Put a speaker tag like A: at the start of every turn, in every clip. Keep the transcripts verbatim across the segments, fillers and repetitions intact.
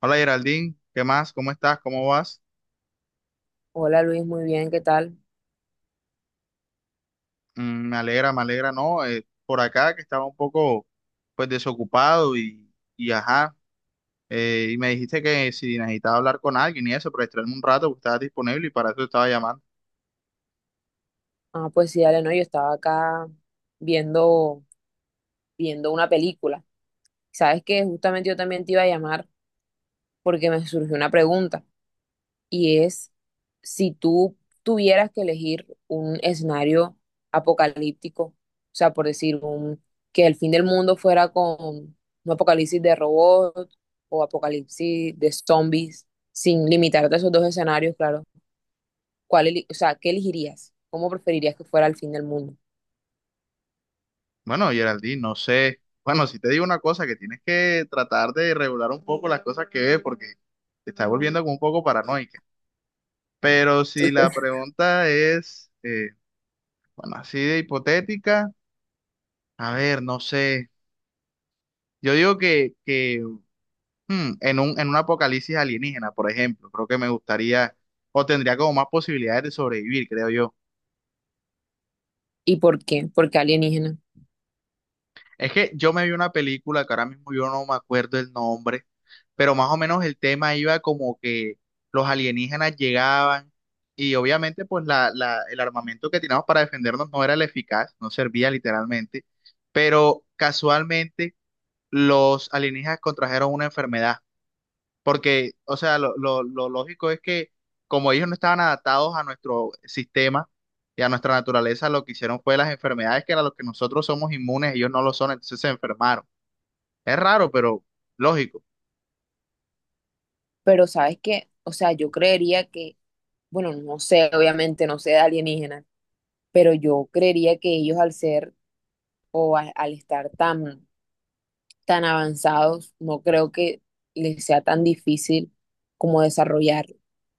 A: Hola Geraldine, ¿qué más? ¿Cómo estás? ¿Cómo vas?
B: Hola Luis, muy bien, ¿qué tal?
A: Mm, me alegra, me alegra, ¿no? Eh, por acá que estaba un poco pues desocupado y, y ajá, eh, y me dijiste que si necesitaba hablar con alguien y eso, para distraerme un rato, pues estabas disponible y para eso te estaba llamando.
B: Ah, pues sí, dale, no, yo estaba acá viendo, viendo una película. Sabes que justamente yo también te iba a llamar porque me surgió una pregunta, y es si tú tuvieras que elegir un escenario apocalíptico. O sea, por decir un, que el fin del mundo fuera con un apocalipsis de robots o apocalipsis de zombies, sin limitarte a esos dos escenarios, claro, ¿cuál, eli- o sea, ¿qué elegirías? ¿Cómo preferirías que fuera el fin del mundo?
A: Bueno, Geraldine, no sé, bueno, si te digo una cosa, que tienes que tratar de regular un poco las cosas que ves porque te estás volviendo como un poco paranoica. Pero si la pregunta es, eh, bueno, así de hipotética, a ver, no sé. Yo digo que, que Hmm, en un, en un apocalipsis alienígena, por ejemplo, creo que me gustaría o tendría como más posibilidades de sobrevivir, creo yo.
B: ¿Y por qué? Porque alienígena.
A: Es que yo me vi una película que ahora mismo yo no me acuerdo el nombre, pero más o menos el tema iba como que los alienígenas llegaban y obviamente pues la, la- el armamento que teníamos para defendernos no era el eficaz, no servía literalmente, pero casualmente los alienígenas contrajeron una enfermedad. Porque, o sea, lo, lo- lo lógico es que como ellos no estaban adaptados a nuestro sistema y a nuestra naturaleza, lo que hicieron fue las enfermedades que a las que nosotros somos inmunes, ellos no lo son, entonces se enfermaron. Es raro, pero lógico.
B: Pero sabes que, o sea, yo creería que, bueno, no sé, obviamente no sé de alienígena, pero yo creería que ellos al ser o a- al estar tan, tan avanzados, no creo que les sea tan difícil como desarrollar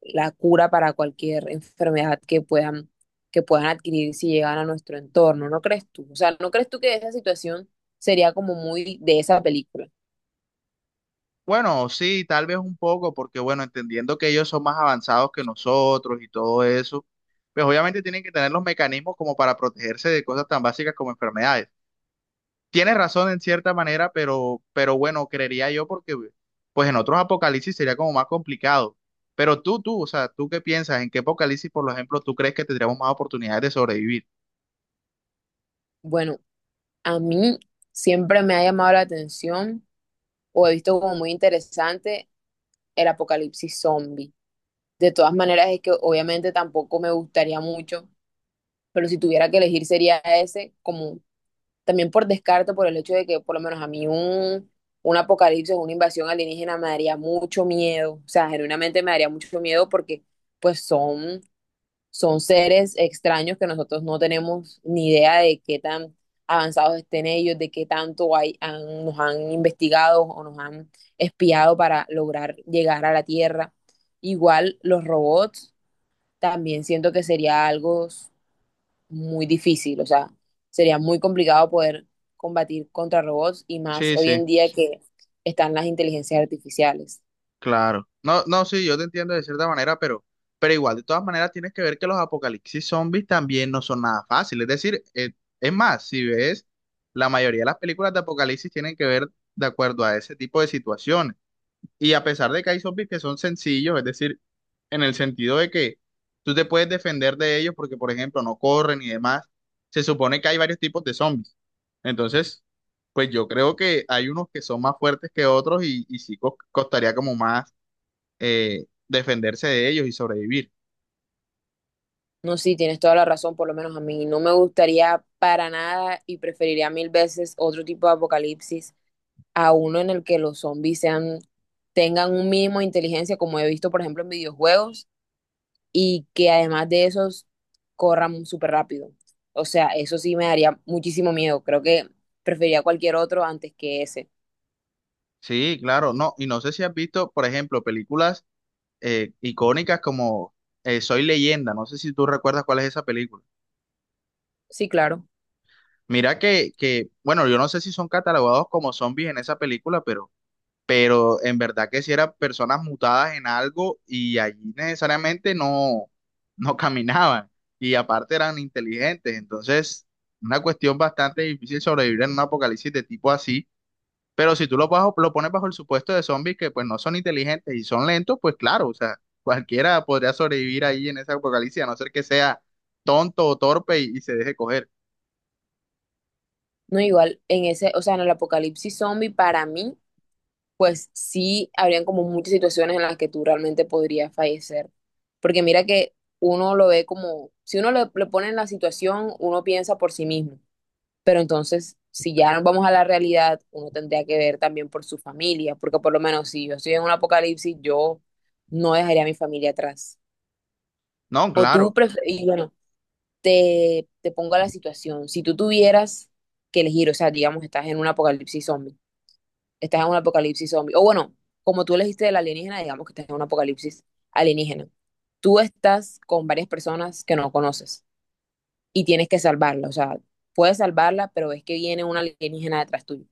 B: la cura para cualquier enfermedad que puedan, que puedan adquirir si llegan a nuestro entorno, ¿no crees tú? O sea, ¿no crees tú que esa situación sería como muy de esa película?
A: Bueno, sí, tal vez un poco, porque bueno, entendiendo que ellos son más avanzados que nosotros y todo eso, pues obviamente tienen que tener los mecanismos como para protegerse de cosas tan básicas como enfermedades. Tienes razón en cierta manera, pero, pero bueno, creería yo porque pues en otros apocalipsis sería como más complicado. Pero tú, tú, o sea, ¿tú qué piensas? ¿En qué apocalipsis, por ejemplo, tú crees que tendríamos más oportunidades de sobrevivir?
B: Bueno, a mí siempre me ha llamado la atención o he visto como muy interesante el apocalipsis zombie. De todas maneras, es que obviamente tampoco me gustaría mucho, pero si tuviera que elegir sería ese, como también por descarte, por el hecho de que por lo menos a mí un, un apocalipsis o una invasión alienígena me daría mucho miedo. O sea, genuinamente me daría mucho miedo, porque pues son son seres extraños que nosotros no tenemos ni idea de qué tan avanzados estén ellos, de qué tanto hay- han- nos han investigado o nos han espiado para lograr llegar a la Tierra. Igual los robots también siento que sería algo muy difícil. O sea, sería muy complicado poder combatir contra robots, y más
A: Sí,
B: hoy en
A: sí,
B: día que están las inteligencias artificiales.
A: claro. No, no, sí, yo te entiendo de cierta manera, pero, pero igual, de todas maneras, tienes que ver que los apocalipsis zombies también no son nada fáciles. Es decir, eh, es más, si ves, la mayoría de las películas de apocalipsis tienen que ver de acuerdo a ese tipo de situaciones. Y a pesar de que hay zombies que son sencillos, es decir, en el sentido de que tú te puedes defender de ellos porque, por ejemplo, no corren y demás, se supone que hay varios tipos de zombies. Entonces, pues yo creo que hay unos que son más fuertes que otros y, y sí cos- costaría como más eh, defenderse de ellos y sobrevivir.
B: No, sí, tienes toda la razón, por lo menos a mí. No me gustaría para nada, y preferiría mil veces otro tipo de apocalipsis a uno en el que los zombies sean, tengan un mínimo de inteligencia, como he visto, por ejemplo, en videojuegos, y que además de esos corran súper rápido. O sea, eso sí me daría muchísimo miedo. Creo que preferiría cualquier otro antes que ese.
A: Sí, claro, no. Y no sé si has visto, por ejemplo, películas eh, icónicas como eh, Soy Leyenda. No sé si tú recuerdas cuál es esa película.
B: Sí, claro.
A: Mira que, que, bueno, yo no sé si son catalogados como zombies en esa película, pero, pero en verdad que si eran personas mutadas en algo y allí necesariamente no, no caminaban y aparte eran inteligentes, entonces una cuestión bastante difícil sobrevivir en un apocalipsis de tipo así, pero si tú lo, bajo- lo pones bajo el supuesto de zombies que pues no son inteligentes y son lentos, pues claro, o sea, cualquiera podría sobrevivir ahí en ese apocalipsis a no ser que sea tonto o torpe y y se deje coger.
B: No, igual, en ese, o sea, en el apocalipsis zombie, para mí, pues sí habrían como muchas situaciones en las que tú realmente podrías fallecer. Porque mira que uno lo ve como, si uno le, le pone en la situación, uno piensa por sí mismo. Pero entonces, si ya nos vamos a la realidad, uno tendría que ver también por su familia, porque por lo menos si yo estoy en un apocalipsis, yo no dejaría a mi familia atrás.
A: No,
B: O tú,
A: claro.
B: pref- y bueno, te, te pongo a la situación, si tú tuvieras que elegir, o sea, digamos, estás en un apocalipsis zombie, estás en un apocalipsis zombie. O bueno, como tú elegiste del alienígena, digamos que estás en un apocalipsis alienígena. Tú estás con varias personas que no conoces y tienes que salvarla. O sea, puedes salvarla, pero ves que viene un alienígena detrás tuyo.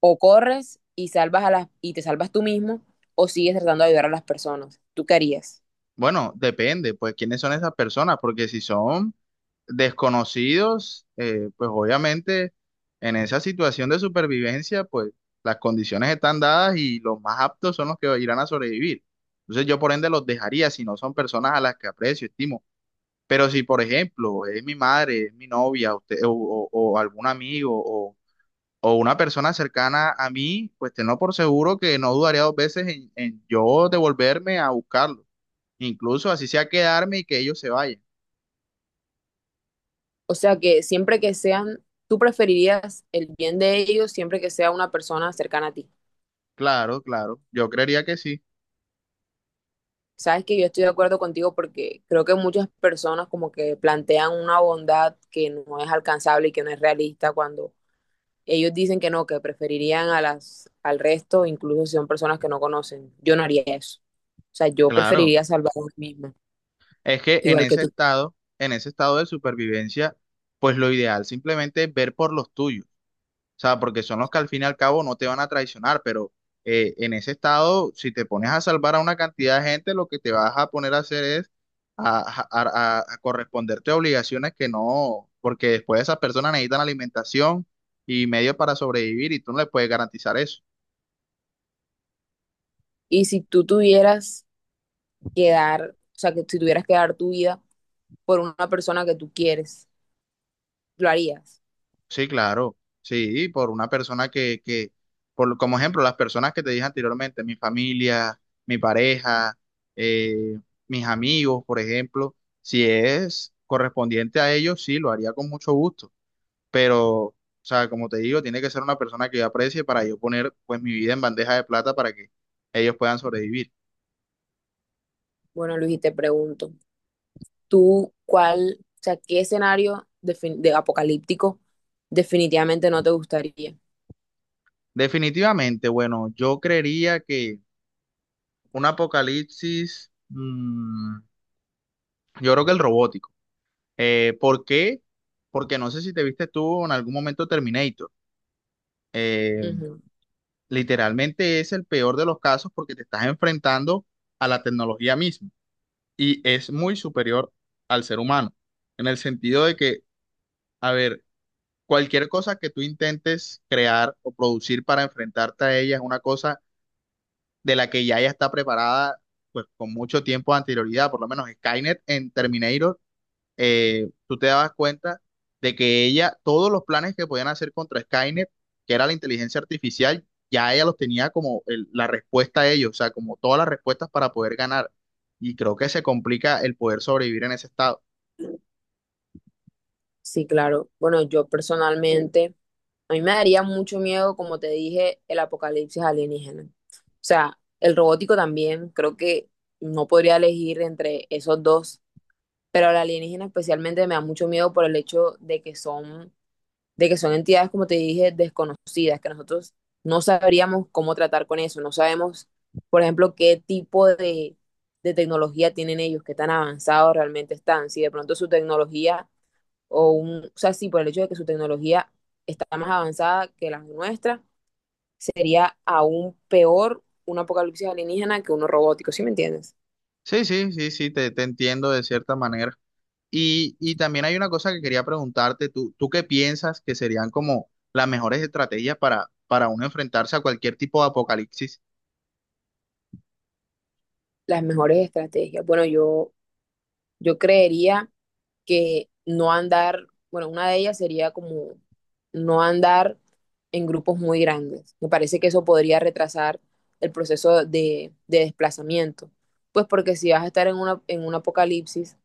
B: O corres y salvas a las y te salvas tú mismo, o sigues tratando de ayudar a las personas. ¿Tú qué harías?
A: Bueno, depende, pues, quiénes son esas personas, porque si son desconocidos, eh, pues obviamente en esa situación de supervivencia, pues las condiciones están dadas y los más aptos son los que irán a sobrevivir. Entonces yo por ende los dejaría si no son personas a las que aprecio, estimo. Pero si, por ejemplo, es mi madre, es mi novia, usted, o, o- o algún amigo o, o una persona cercana a mí, pues tengo por seguro que no dudaría dos veces en, en yo devolverme a buscarlo. Incluso así sea quedarme y que ellos se vayan.
B: O sea que siempre que sean, tú preferirías el bien de ellos siempre que sea una persona cercana a ti.
A: Claro, claro. Yo creería que sí.
B: Sabes que yo estoy de acuerdo contigo, porque creo que muchas personas como que plantean una bondad que no es alcanzable y que no es realista cuando ellos dicen que no, que preferirían a las, al resto, incluso si son personas que no conocen. Yo no haría eso. O sea, yo
A: Claro.
B: preferiría salvar a mí misma,
A: Es que en
B: igual que
A: ese
B: tú.
A: estado, en ese estado de supervivencia, pues lo ideal simplemente es ver por los tuyos. O sea, porque son los que al fin y al cabo no te van a traicionar, pero eh, en ese estado, si te pones a salvar a una cantidad de gente, lo que te vas a poner a hacer es a, a a- a corresponderte a obligaciones que no, porque después esas personas necesitan alimentación y medios para sobrevivir y tú no les puedes garantizar eso.
B: Y si tú tuvieras que dar, o sea, que si tuvieras que dar tu vida por una persona que tú quieres, ¿lo harías?
A: Sí, claro, sí, por una persona que, que por, como ejemplo, las personas que te dije anteriormente, mi familia, mi pareja, eh, mis amigos, por ejemplo, si es correspondiente a ellos, sí, lo haría con mucho gusto, pero, o sea, como te digo, tiene que ser una persona que yo aprecie para yo poner, pues, mi vida en bandeja de plata para que ellos puedan sobrevivir.
B: Bueno, Luis, y te pregunto, tú cuál, o sea, ¿qué escenario defin- de apocalíptico definitivamente no te gustaría?
A: Definitivamente, bueno, yo creería que un apocalipsis, mm, yo creo que el robótico. Eh, ¿por qué? Porque no sé si te viste tú en algún momento Terminator. Eh,
B: Ujú.
A: Literalmente es el peor de los casos porque te estás enfrentando a la tecnología misma y es muy superior al ser humano, en el sentido de que, a ver, cualquier cosa que tú intentes crear o producir para enfrentarte a ella es una cosa de la que ya ella está preparada, pues con mucho tiempo de anterioridad, por lo menos Skynet en Terminator eh, tú te dabas cuenta de que ella, todos los planes que podían hacer contra Skynet, que era la inteligencia artificial, ya ella los tenía como el- la respuesta a ellos, o sea, como todas las respuestas para poder ganar. Y creo que se complica el poder sobrevivir en ese estado.
B: Sí, claro. Bueno, yo personalmente, a mí me daría mucho miedo, como te dije, el apocalipsis alienígena. O sea, el robótico también, creo que no podría elegir entre esos dos, pero el alienígena especialmente me da mucho miedo por el hecho de que son de que son entidades, como te dije, desconocidas, que nosotros no sabríamos cómo tratar con eso, no sabemos, por ejemplo, qué tipo de, de tecnología tienen ellos, qué tan avanzados realmente están, si de pronto su tecnología o un, o sea, sí, por el hecho de que su tecnología está más avanzada que la nuestra, sería aún peor un apocalipsis alienígena que uno robótico, ¿sí me entiendes?
A: Sí, sí, sí, sí, te, te entiendo de cierta manera. Y, y también hay una cosa que quería preguntarte, ¿tú, tú qué piensas que serían como las mejores estrategias para, para uno enfrentarse a cualquier tipo de apocalipsis?
B: Las mejores estrategias. Bueno, yo, yo creería que no andar, bueno, una de ellas sería como no andar en grupos muy grandes. Me parece que eso podría retrasar el proceso de, de desplazamiento, pues porque si vas a estar en una, en un apocalipsis,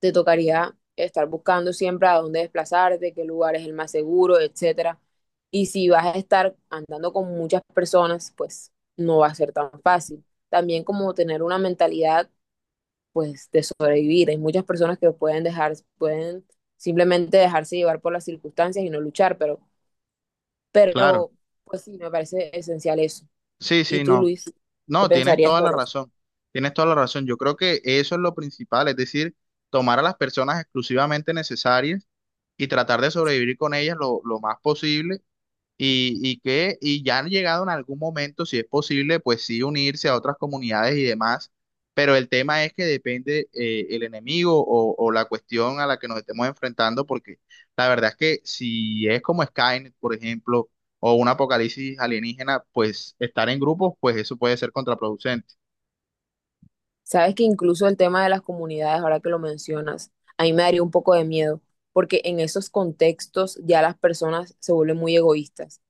B: te tocaría estar buscando siempre a dónde desplazarte, qué lugar es el más seguro, etcétera. Y si vas a estar andando con muchas personas, pues no va a ser tan fácil. También como tener una mentalidad pues de sobrevivir. Hay muchas personas que pueden dejar, pueden simplemente dejarse llevar por las circunstancias y no luchar, pero,
A: Claro,
B: pero pues sí, me parece esencial eso.
A: sí,
B: ¿Y
A: sí,
B: tú,
A: no.
B: Luis, qué
A: No, tienes
B: pensarías
A: toda la
B: sobre eso?
A: razón, tienes toda la razón. Yo creo que eso es lo principal, es decir, tomar a las personas exclusivamente necesarias y tratar de sobrevivir con ellas lo, lo más posible y, y que y ya han llegado en algún momento, si es posible, pues sí unirse a otras comunidades y demás, pero el tema es que depende eh, el enemigo o, o la cuestión a la que nos estemos enfrentando, porque la verdad es que si es como Skynet, por ejemplo, o un apocalipsis alienígena, pues estar en grupos, pues eso puede ser contraproducente.
B: Sabes que incluso el tema de las comunidades, ahora que lo mencionas, a mí me daría un poco de miedo, porque en esos contextos ya las personas se vuelven muy egoístas.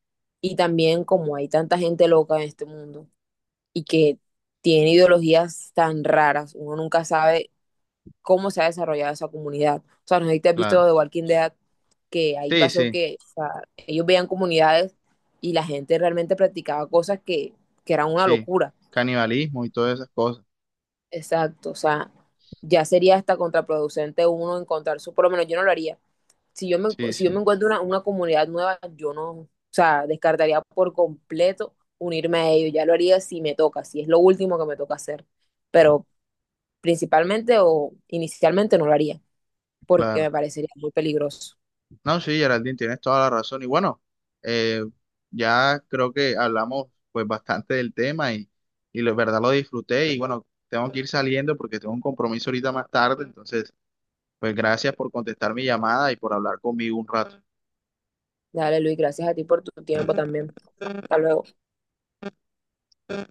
B: Y también, como hay tanta gente loca en este mundo y que tiene ideologías tan raras, uno nunca sabe cómo se ha desarrollado esa comunidad. O sea, no sé si te has visto
A: Claro.
B: de Walking Dead, que ahí
A: Sí,
B: pasó
A: sí,
B: que, o sea, ellos veían comunidades y la gente realmente practicaba cosas que, que eran una
A: sí.
B: locura.
A: Canibalismo y todas esas cosas.
B: Exacto, o sea, ya sería hasta contraproducente uno encontrar su, por lo menos yo no lo haría. Si yo me,
A: Sí,
B: si yo me
A: sí,
B: encuentro una, una comunidad nueva, yo no, o sea, descartaría por completo unirme a ellos. Ya lo haría si me toca, si es lo último que me toca hacer. Pero principalmente o inicialmente no lo haría, porque
A: claro.
B: me parecería muy peligroso.
A: No, sí, Geraldine, tienes toda la razón. Y bueno, eh, ya creo que hablamos pues bastante del tema y, y la verdad lo disfruté. Y bueno, tengo que ir saliendo porque tengo un compromiso ahorita más tarde. Entonces, pues gracias por contestar mi llamada y por hablar conmigo un rato.
B: Dale, Luis, gracias a ti por tu tiempo también. Hasta luego.